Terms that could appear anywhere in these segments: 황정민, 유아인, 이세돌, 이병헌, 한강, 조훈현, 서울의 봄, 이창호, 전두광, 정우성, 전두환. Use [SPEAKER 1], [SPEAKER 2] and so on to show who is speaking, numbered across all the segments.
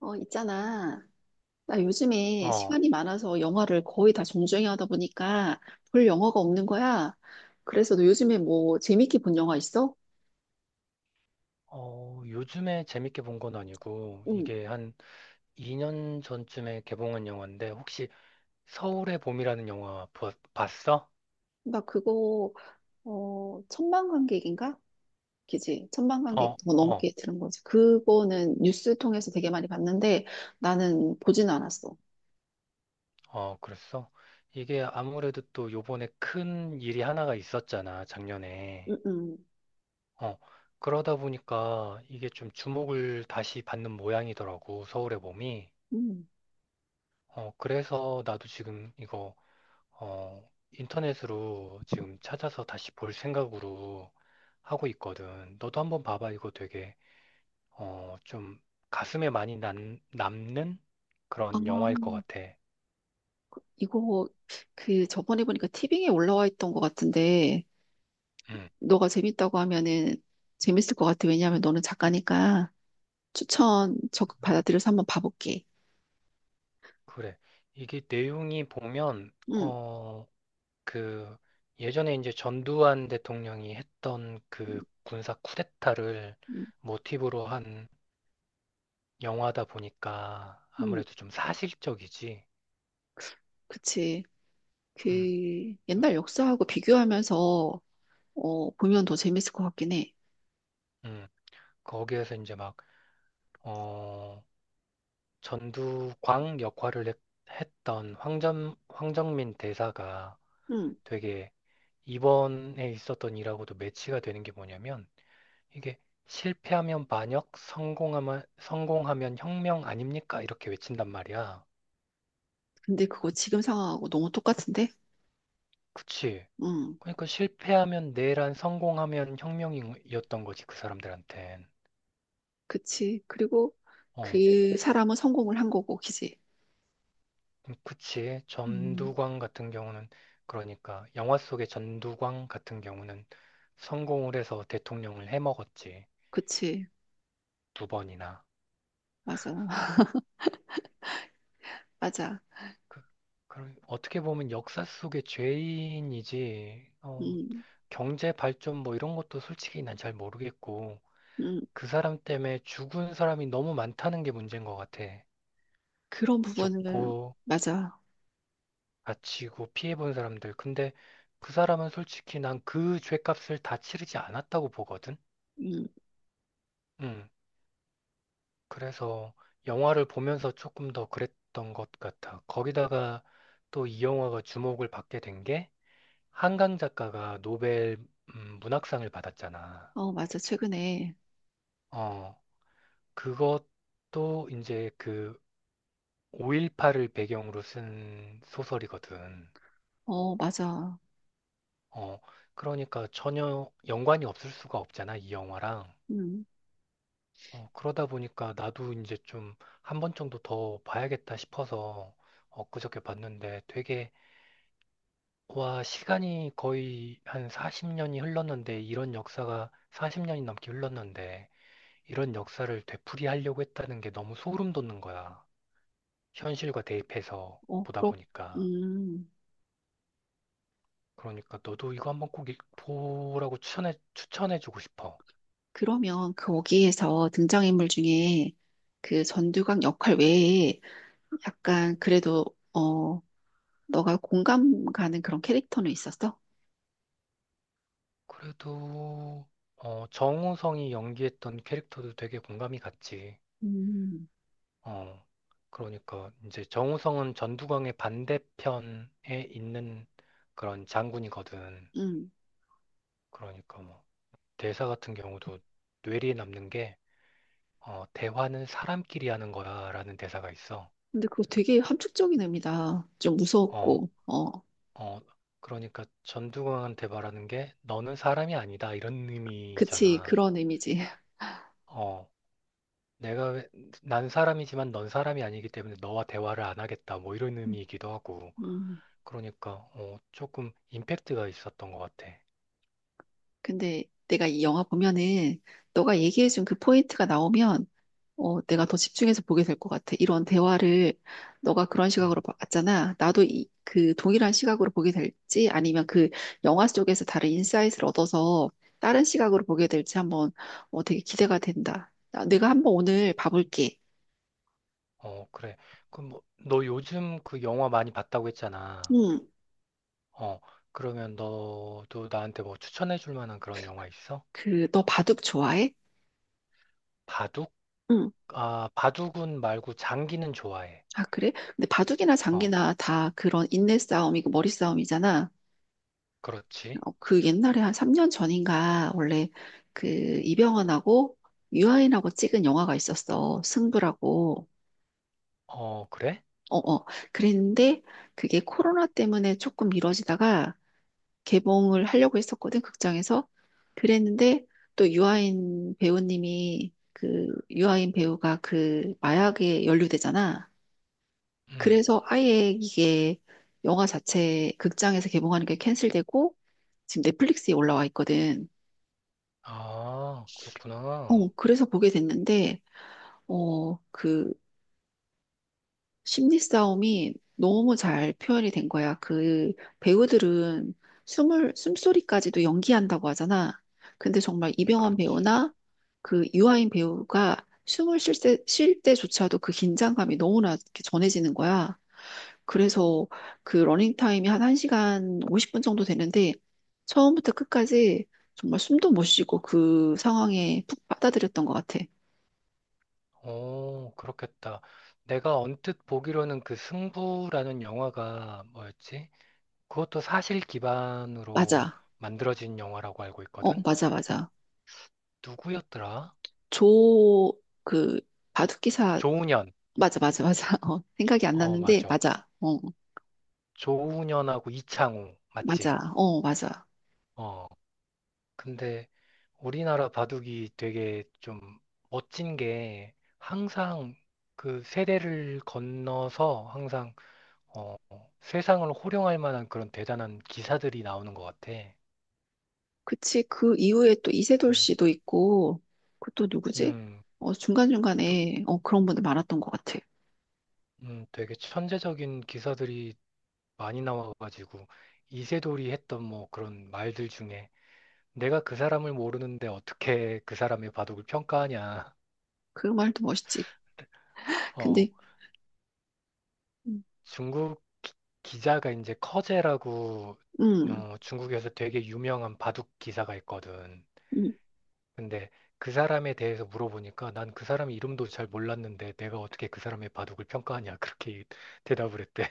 [SPEAKER 1] 있잖아. 나 요즘에
[SPEAKER 2] 어,
[SPEAKER 1] 시간이 많아서 영화를 거의 다 정주행 하다 보니까 볼 영화가 없는 거야. 그래서 너 요즘에 뭐 재밌게 본 영화 있어?
[SPEAKER 2] 요즘에 재밌게 본 건 아니고,
[SPEAKER 1] 응.
[SPEAKER 2] 이게 한 2년 전쯤에 개봉한 영화인데, 혹시 서울의 봄이라는 영화 봤어?
[SPEAKER 1] 나 그거, 천만관객인가? 그지? 천만관객
[SPEAKER 2] 어,
[SPEAKER 1] 더
[SPEAKER 2] 어,
[SPEAKER 1] 넘게 들은 거지. 그거는 뉴스 통해서 되게 많이 봤는데 나는 보진 않았어.
[SPEAKER 2] 어, 그랬어? 이게 아무래도 또 요번에 큰 일이 하나가 있었잖아, 작년에.
[SPEAKER 1] 응, 응,
[SPEAKER 2] 어, 그러다 보니까 이게 좀 주목을 다시 받는 모양이더라고, 서울의 봄이.
[SPEAKER 1] 응.
[SPEAKER 2] 어, 그래서 나도 지금 이거, 어, 인터넷으로 지금 찾아서 다시 볼 생각으로 하고 있거든. 너도 한번 봐봐. 이거 되게 좀 가슴에 많이 남는
[SPEAKER 1] 아,
[SPEAKER 2] 그런 영화일 것 같아.
[SPEAKER 1] 이거 그 저번에 보니까 티빙에 올라와 있던 것 같은데
[SPEAKER 2] 음.
[SPEAKER 1] 너가 재밌다고 하면은 재밌을 것 같아. 왜냐하면 너는 작가니까 추천 적극 받아들여서 한번 봐볼게.
[SPEAKER 2] 그래. 이게 내용이 보면,
[SPEAKER 1] 응,
[SPEAKER 2] 그, 예전에 이제 전두환 대통령이 했던
[SPEAKER 1] 응,
[SPEAKER 2] 그 군사 쿠데타를
[SPEAKER 1] 응,
[SPEAKER 2] 모티브로 한 영화다 보니까
[SPEAKER 1] 응.
[SPEAKER 2] 아무래도 좀 사실적이지.
[SPEAKER 1] 그치. 그
[SPEAKER 2] 음,
[SPEAKER 1] 옛날 역사하고 비교하면서 보면 더 재밌을 것 같긴 해.
[SPEAKER 2] 음. 거기에서 이제 막, 어, 전두광 역할을 했, 던 황정민 대사가
[SPEAKER 1] 응.
[SPEAKER 2] 되게 이번에 있었던 일하고도 매치가 되는 게 뭐냐면 이게 실패하면 반역, 성공하면 혁명 아닙니까? 이렇게 외친단 말이야.
[SPEAKER 1] 근데 그거 지금 상황하고 너무 똑같은데?
[SPEAKER 2] 그치?
[SPEAKER 1] 응,
[SPEAKER 2] 그러니까 실패하면 내란, 성공하면 혁명이었던 거지, 그 사람들한텐.
[SPEAKER 1] 그치. 그리고
[SPEAKER 2] 어.
[SPEAKER 1] 그 사람은 성공을 한 거고, 그지?
[SPEAKER 2] 그치.
[SPEAKER 1] 음,
[SPEAKER 2] 전두광 같은 경우는 그러니까 영화 속의 전두광 같은 경우는 성공을 해서 대통령을 해먹었지.
[SPEAKER 1] 그치.
[SPEAKER 2] 두 번이나.
[SPEAKER 1] 맞아. 맞아.
[SPEAKER 2] 그, 그 어떻게 보면 역사 속의 죄인이지. 어,
[SPEAKER 1] 음,
[SPEAKER 2] 경제 발전 뭐 이런 것도 솔직히 난 잘 모르겠고
[SPEAKER 1] 음.
[SPEAKER 2] 그 사람 때문에 죽은 사람이 너무 많다는 게 문제인 것 같아.
[SPEAKER 1] 그런 부분을,
[SPEAKER 2] 죽고
[SPEAKER 1] 맞아.
[SPEAKER 2] 다치고 피해본 사람들. 근데 그 사람은 솔직히 난 그 죄값을 다 치르지 않았다고 보거든.
[SPEAKER 1] 음,
[SPEAKER 2] 음. 그래서 영화를 보면서 조금 더 그랬던 것 같아. 거기다가 또 이 영화가 주목을 받게 된 게 한강 작가가 노벨 문학상을 받았잖아.
[SPEAKER 1] 어, 맞아. 최근에.
[SPEAKER 2] 어, 그것도 이제 그 5.18을 배경으로 쓴 소설이거든.
[SPEAKER 1] 어, 맞아.
[SPEAKER 2] 어, 그러니까 전혀 연관이 없을 수가 없잖아, 이 영화랑.
[SPEAKER 1] 음,
[SPEAKER 2] 어, 그러다 보니까 나도 이제 좀 한 번 정도 더 봐야겠다 싶어서 엊그저께 봤는데 되게 와, 시간이 거의 한 40년이 흘렀는데, 이런 역사가 40년이 넘게 흘렀는데, 이런 역사를 되풀이하려고 했다는 게 너무 소름 돋는 거야. 현실과 대입해서
[SPEAKER 1] 어,
[SPEAKER 2] 보다 보니까.
[SPEAKER 1] 음,
[SPEAKER 2] 그러니까 너도 이거 한번 꼭 보라고 추천해주고 싶어.
[SPEAKER 1] 그러면 거기에서 등장인물 중에 그 전두광 역할 외에 약간 그래도, 어, 너가 공감 가는 그런 캐릭터는 있었어?
[SPEAKER 2] 그래도, 어, 정우성이 연기했던 캐릭터도 되게 공감이 갔지.
[SPEAKER 1] 음,
[SPEAKER 2] 어, 그러니까 이제 정우성은 전두광의 반대편에 있는 그런 장군이거든.
[SPEAKER 1] 음.
[SPEAKER 2] 그러니까 뭐 대사 같은 경우도 뇌리에 남는 게 대화는 사람끼리 하는 거야라는 대사가 있어.
[SPEAKER 1] 근데 그거 되게 함축적인 의미다. 좀
[SPEAKER 2] 어,
[SPEAKER 1] 무서웠고, 어,
[SPEAKER 2] 어, 그러니까 전두광한테 말하는 게 너는 사람이 아니다 이런
[SPEAKER 1] 그치,
[SPEAKER 2] 의미잖아.
[SPEAKER 1] 그런 의미지.
[SPEAKER 2] 어, 내가 난 사람이지만 넌 사람이 아니기 때문에 너와 대화를 안 하겠다 뭐 이런 의미이기도 하고.
[SPEAKER 1] 음,
[SPEAKER 2] 그러니까 어, 조금 임팩트가 있었던 것 같아.
[SPEAKER 1] 근데 내가 이 영화 보면은 너가 얘기해준 그 포인트가 나오면 내가 더 집중해서 보게 될 것 같아. 이런 대화를 너가 그런
[SPEAKER 2] 응.
[SPEAKER 1] 시각으로 봤잖아. 나도 그 동일한 시각으로 보게 될지 아니면 그 영화 속에서 다른 인사이트를 얻어서 다른 시각으로 보게 될지 한번 되게 기대가 된다. 내가 한번 오늘 봐볼게.
[SPEAKER 2] 어, 그래. 그럼 뭐, 너 요즘 그 영화 많이 봤다고 했잖아.
[SPEAKER 1] 응,
[SPEAKER 2] 어, 그러면 너도 나한테 뭐 추천해 줄 만한 그런 영화 있어?
[SPEAKER 1] 너 바둑 좋아해?
[SPEAKER 2] 바둑?
[SPEAKER 1] 응.
[SPEAKER 2] 아, 바둑은 말고 장기는 좋아해.
[SPEAKER 1] 아, 그래? 근데 바둑이나
[SPEAKER 2] 어,
[SPEAKER 1] 장기나 다 그런 인내 싸움이고 머리 싸움이잖아.
[SPEAKER 2] 그렇지.
[SPEAKER 1] 그 옛날에 한 3년 전인가 원래 그 이병헌하고 유아인하고 찍은 영화가 있었어. 승부라고.
[SPEAKER 2] 어, 그래?
[SPEAKER 1] 어, 어. 그랬는데 그게 코로나 때문에 조금 미뤄지다가 개봉을 하려고 했었거든, 극장에서. 그랬는데 또 유아인 배우가 그 마약에 연루되잖아.
[SPEAKER 2] 음.
[SPEAKER 1] 그래서 아예 이게 영화 자체 극장에서 개봉하는 게 캔슬되고 지금 넷플릭스에 올라와 있거든.
[SPEAKER 2] 아, 그렇구나.
[SPEAKER 1] 그래서 보게 됐는데, 그 심리 싸움이 너무 잘 표현이 된 거야. 그 배우들은 숨소리까지도 연기한다고 하잖아. 근데 정말 이병헌
[SPEAKER 2] 그렇지.
[SPEAKER 1] 배우나 그 유아인 배우가 숨을 쉴 때조차도 그 긴장감이 너무나 이렇게 전해지는 거야. 그래서 그 러닝타임이 한 1시간 50분 정도 되는데, 처음부터 끝까지 정말 숨도 못 쉬고 그 상황에 푹 빠져들였던 것 같아.
[SPEAKER 2] 오, 그렇겠다. 내가 언뜻 보기로는 그 승부라는 영화가 뭐였지? 그것도 사실 기반으로
[SPEAKER 1] 맞아.
[SPEAKER 2] 만들어진 영화라고 알고 있거든?
[SPEAKER 1] 맞아, 맞아.
[SPEAKER 2] 누구였더라?
[SPEAKER 1] 조, 그, 바둑기사,
[SPEAKER 2] 조훈현.
[SPEAKER 1] 맞아, 맞아, 맞아. 생각이 안
[SPEAKER 2] 어,
[SPEAKER 1] 났는데,
[SPEAKER 2] 맞아.
[SPEAKER 1] 맞아. 어,
[SPEAKER 2] 조훈현하고 이창호. 맞지?
[SPEAKER 1] 맞아. 어, 맞아.
[SPEAKER 2] 어. 근데 우리나라 바둑이 되게 좀 멋진 게 항상 그 세대를 건너서 항상 어, 세상을 호령할 만한 그런 대단한 기사들이 나오는 것 같아.
[SPEAKER 1] 그치. 그 이후에 또 이세돌
[SPEAKER 2] 음,
[SPEAKER 1] 씨도 있고, 그 또 누구지?
[SPEAKER 2] 음, 또,
[SPEAKER 1] 중간중간에, 그런 분들 많았던 것 같아.
[SPEAKER 2] 되게 천재적인 기사들이 많이 나와가지고 이세돌이 했던 뭐 그런 말들 중에 내가 그 사람을 모르는데 어떻게 그 사람의 바둑을 평가하냐.
[SPEAKER 1] 그 말도 멋있지. 근데, 음,
[SPEAKER 2] 중국 기자가 이제 커제라고
[SPEAKER 1] 음,
[SPEAKER 2] 어, 중국에서 되게 유명한 바둑 기사가 있거든.
[SPEAKER 1] 음.
[SPEAKER 2] 근데 그 사람에 대해서 물어보니까 난 그 사람 이름도 잘 몰랐는데 내가 어떻게 그 사람의 바둑을 평가하냐 그렇게 대답을 했대.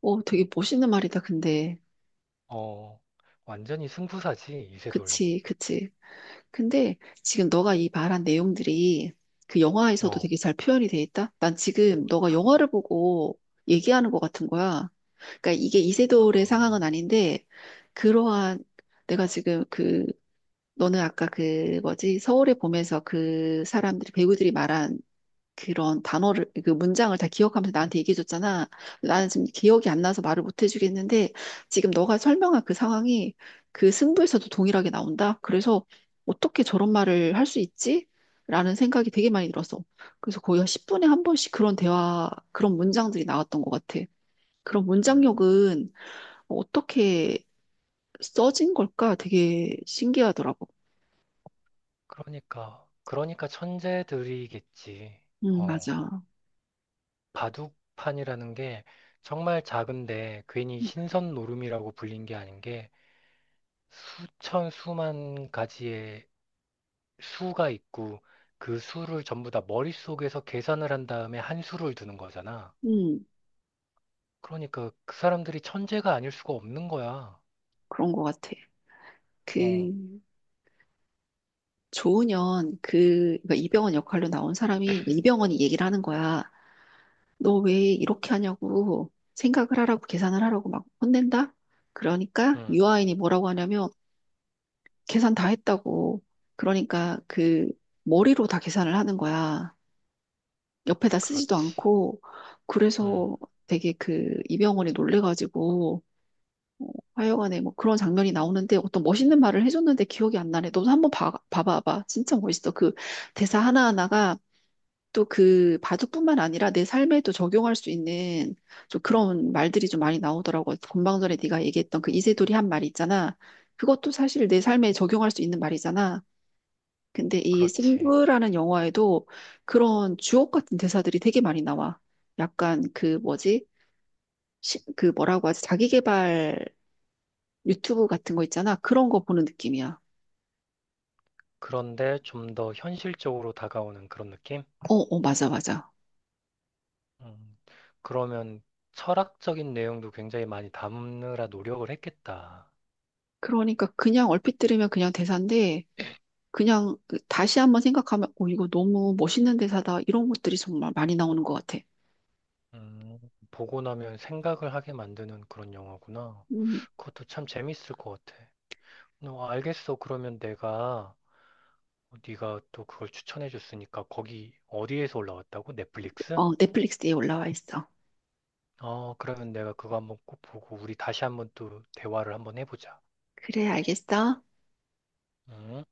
[SPEAKER 1] 되게 멋있는 말이다, 근데.
[SPEAKER 2] 어, 완전히 승부사지 이세돌.
[SPEAKER 1] 그치, 그치. 근데 지금 너가 이 말한 내용들이 그 영화에서도
[SPEAKER 2] 어,
[SPEAKER 1] 되게 잘 표현이 돼 있다? 난 지금 너가 영화를 보고 얘기하는 것 같은 거야. 그러니까 이게 이세돌의
[SPEAKER 2] 아,
[SPEAKER 1] 상황은 아닌데, 그러한, 내가 지금 너는 아까 그 뭐지, 서울의 봄에서 배우들이 말한 그 문장을 다 기억하면서 나한테 얘기해줬잖아. 나는 지금 기억이 안 나서 말을 못 해주겠는데, 지금 너가 설명한 그 상황이 그 승부에서도 동일하게 나온다? 그래서 어떻게 저런 말을 할 수 있지? 라는 생각이 되게 많이 들었어. 그래서 거의 한 10분에 한 번씩 그런 대화, 그런 문장들이 나왔던 것 같아. 그런
[SPEAKER 2] 음,
[SPEAKER 1] 문장력은 어떻게 써진 걸까? 되게 신기하더라고.
[SPEAKER 2] 그러니까 천재들이겠지. 어,
[SPEAKER 1] 맞아.
[SPEAKER 2] 바둑판이라는 게 정말 작은데 괜히 신선 노름이라고 불린 게 아닌 게 수천 수만 가지의 수가 있고 그 수를 전부 다 머릿속에서 계산을 한 다음에 한 수를 두는 거잖아.
[SPEAKER 1] 음,
[SPEAKER 2] 그러니까 그 사람들이 천재가 아닐 수가 없는 거야.
[SPEAKER 1] 그런 것 같아.
[SPEAKER 2] 어,
[SPEAKER 1] 그, 조은현 그러니까 이병헌 역할로 나온 사람이 그 이병헌이 얘기를 하는 거야. 너 왜 이렇게 하냐고 생각을 하라고 계산을 하라고 막 혼낸다. 그러니까
[SPEAKER 2] 음,
[SPEAKER 1] 유아인이 뭐라고 하냐면 계산 다 했다고. 그러니까 그 머리로 다 계산을 하는 거야. 옆에다 쓰지도
[SPEAKER 2] 그렇지.
[SPEAKER 1] 않고
[SPEAKER 2] 음,
[SPEAKER 1] 그래서 되게 그 이병헌이 놀래가지고 어, 하여간에 뭐 그런 장면이 나오는데 어떤 멋있는 말을 해줬는데 기억이 안 나네. 너도 한번 봐봐봐. 진짜 멋있어. 그 대사 하나하나가 또 그 바둑뿐만 아니라 내 삶에도 적용할 수 있는 좀 그런 말들이 좀 많이 나오더라고. 본방 전에 네가 얘기했던 그
[SPEAKER 2] 어,
[SPEAKER 1] 이세돌이 한 말 있잖아. 그것도 사실 내 삶에 적용할 수 있는 말이잖아. 근데 이
[SPEAKER 2] 그렇지.
[SPEAKER 1] 승부라는 영화에도 그런 주옥 같은 대사들이 되게 많이 나와. 약간 그 뭐지? 그 뭐라고 하지? 자기계발 유튜브 같은 거 있잖아. 그런 거 보는 느낌이야.
[SPEAKER 2] 그런데 좀 더 현실적으로 다가오는 그런 느낌?
[SPEAKER 1] 어, 어, 맞아, 맞아.
[SPEAKER 2] 음, 그러면 철학적인 내용도 굉장히 많이 담느라 노력을 했겠다.
[SPEAKER 1] 그러니까 그냥 얼핏 들으면 그냥 대사인데 그냥 다시 한번 생각하면, 오, 이거 너무 멋있는 대사다. 이런 것들이 정말 많이 나오는 것 같아.
[SPEAKER 2] 음, 보고 나면 생각을 하게 만드는 그런 영화구나.
[SPEAKER 1] 음,
[SPEAKER 2] 그것도 참 재밌을 것 같아. 너 알겠어. 그러면 내가 어, 네가 또 그걸 추천해 줬으니까 거기 어디에서 올라왔다고? 넷플릭스?
[SPEAKER 1] 어, 넷플릭스에 올라와 있어.
[SPEAKER 2] 어, 그러면 내가 그거 한번 꼭 보고 우리 다시 한번 또 대화를 한번 해보자.
[SPEAKER 1] 그래, 알겠어.
[SPEAKER 2] 음.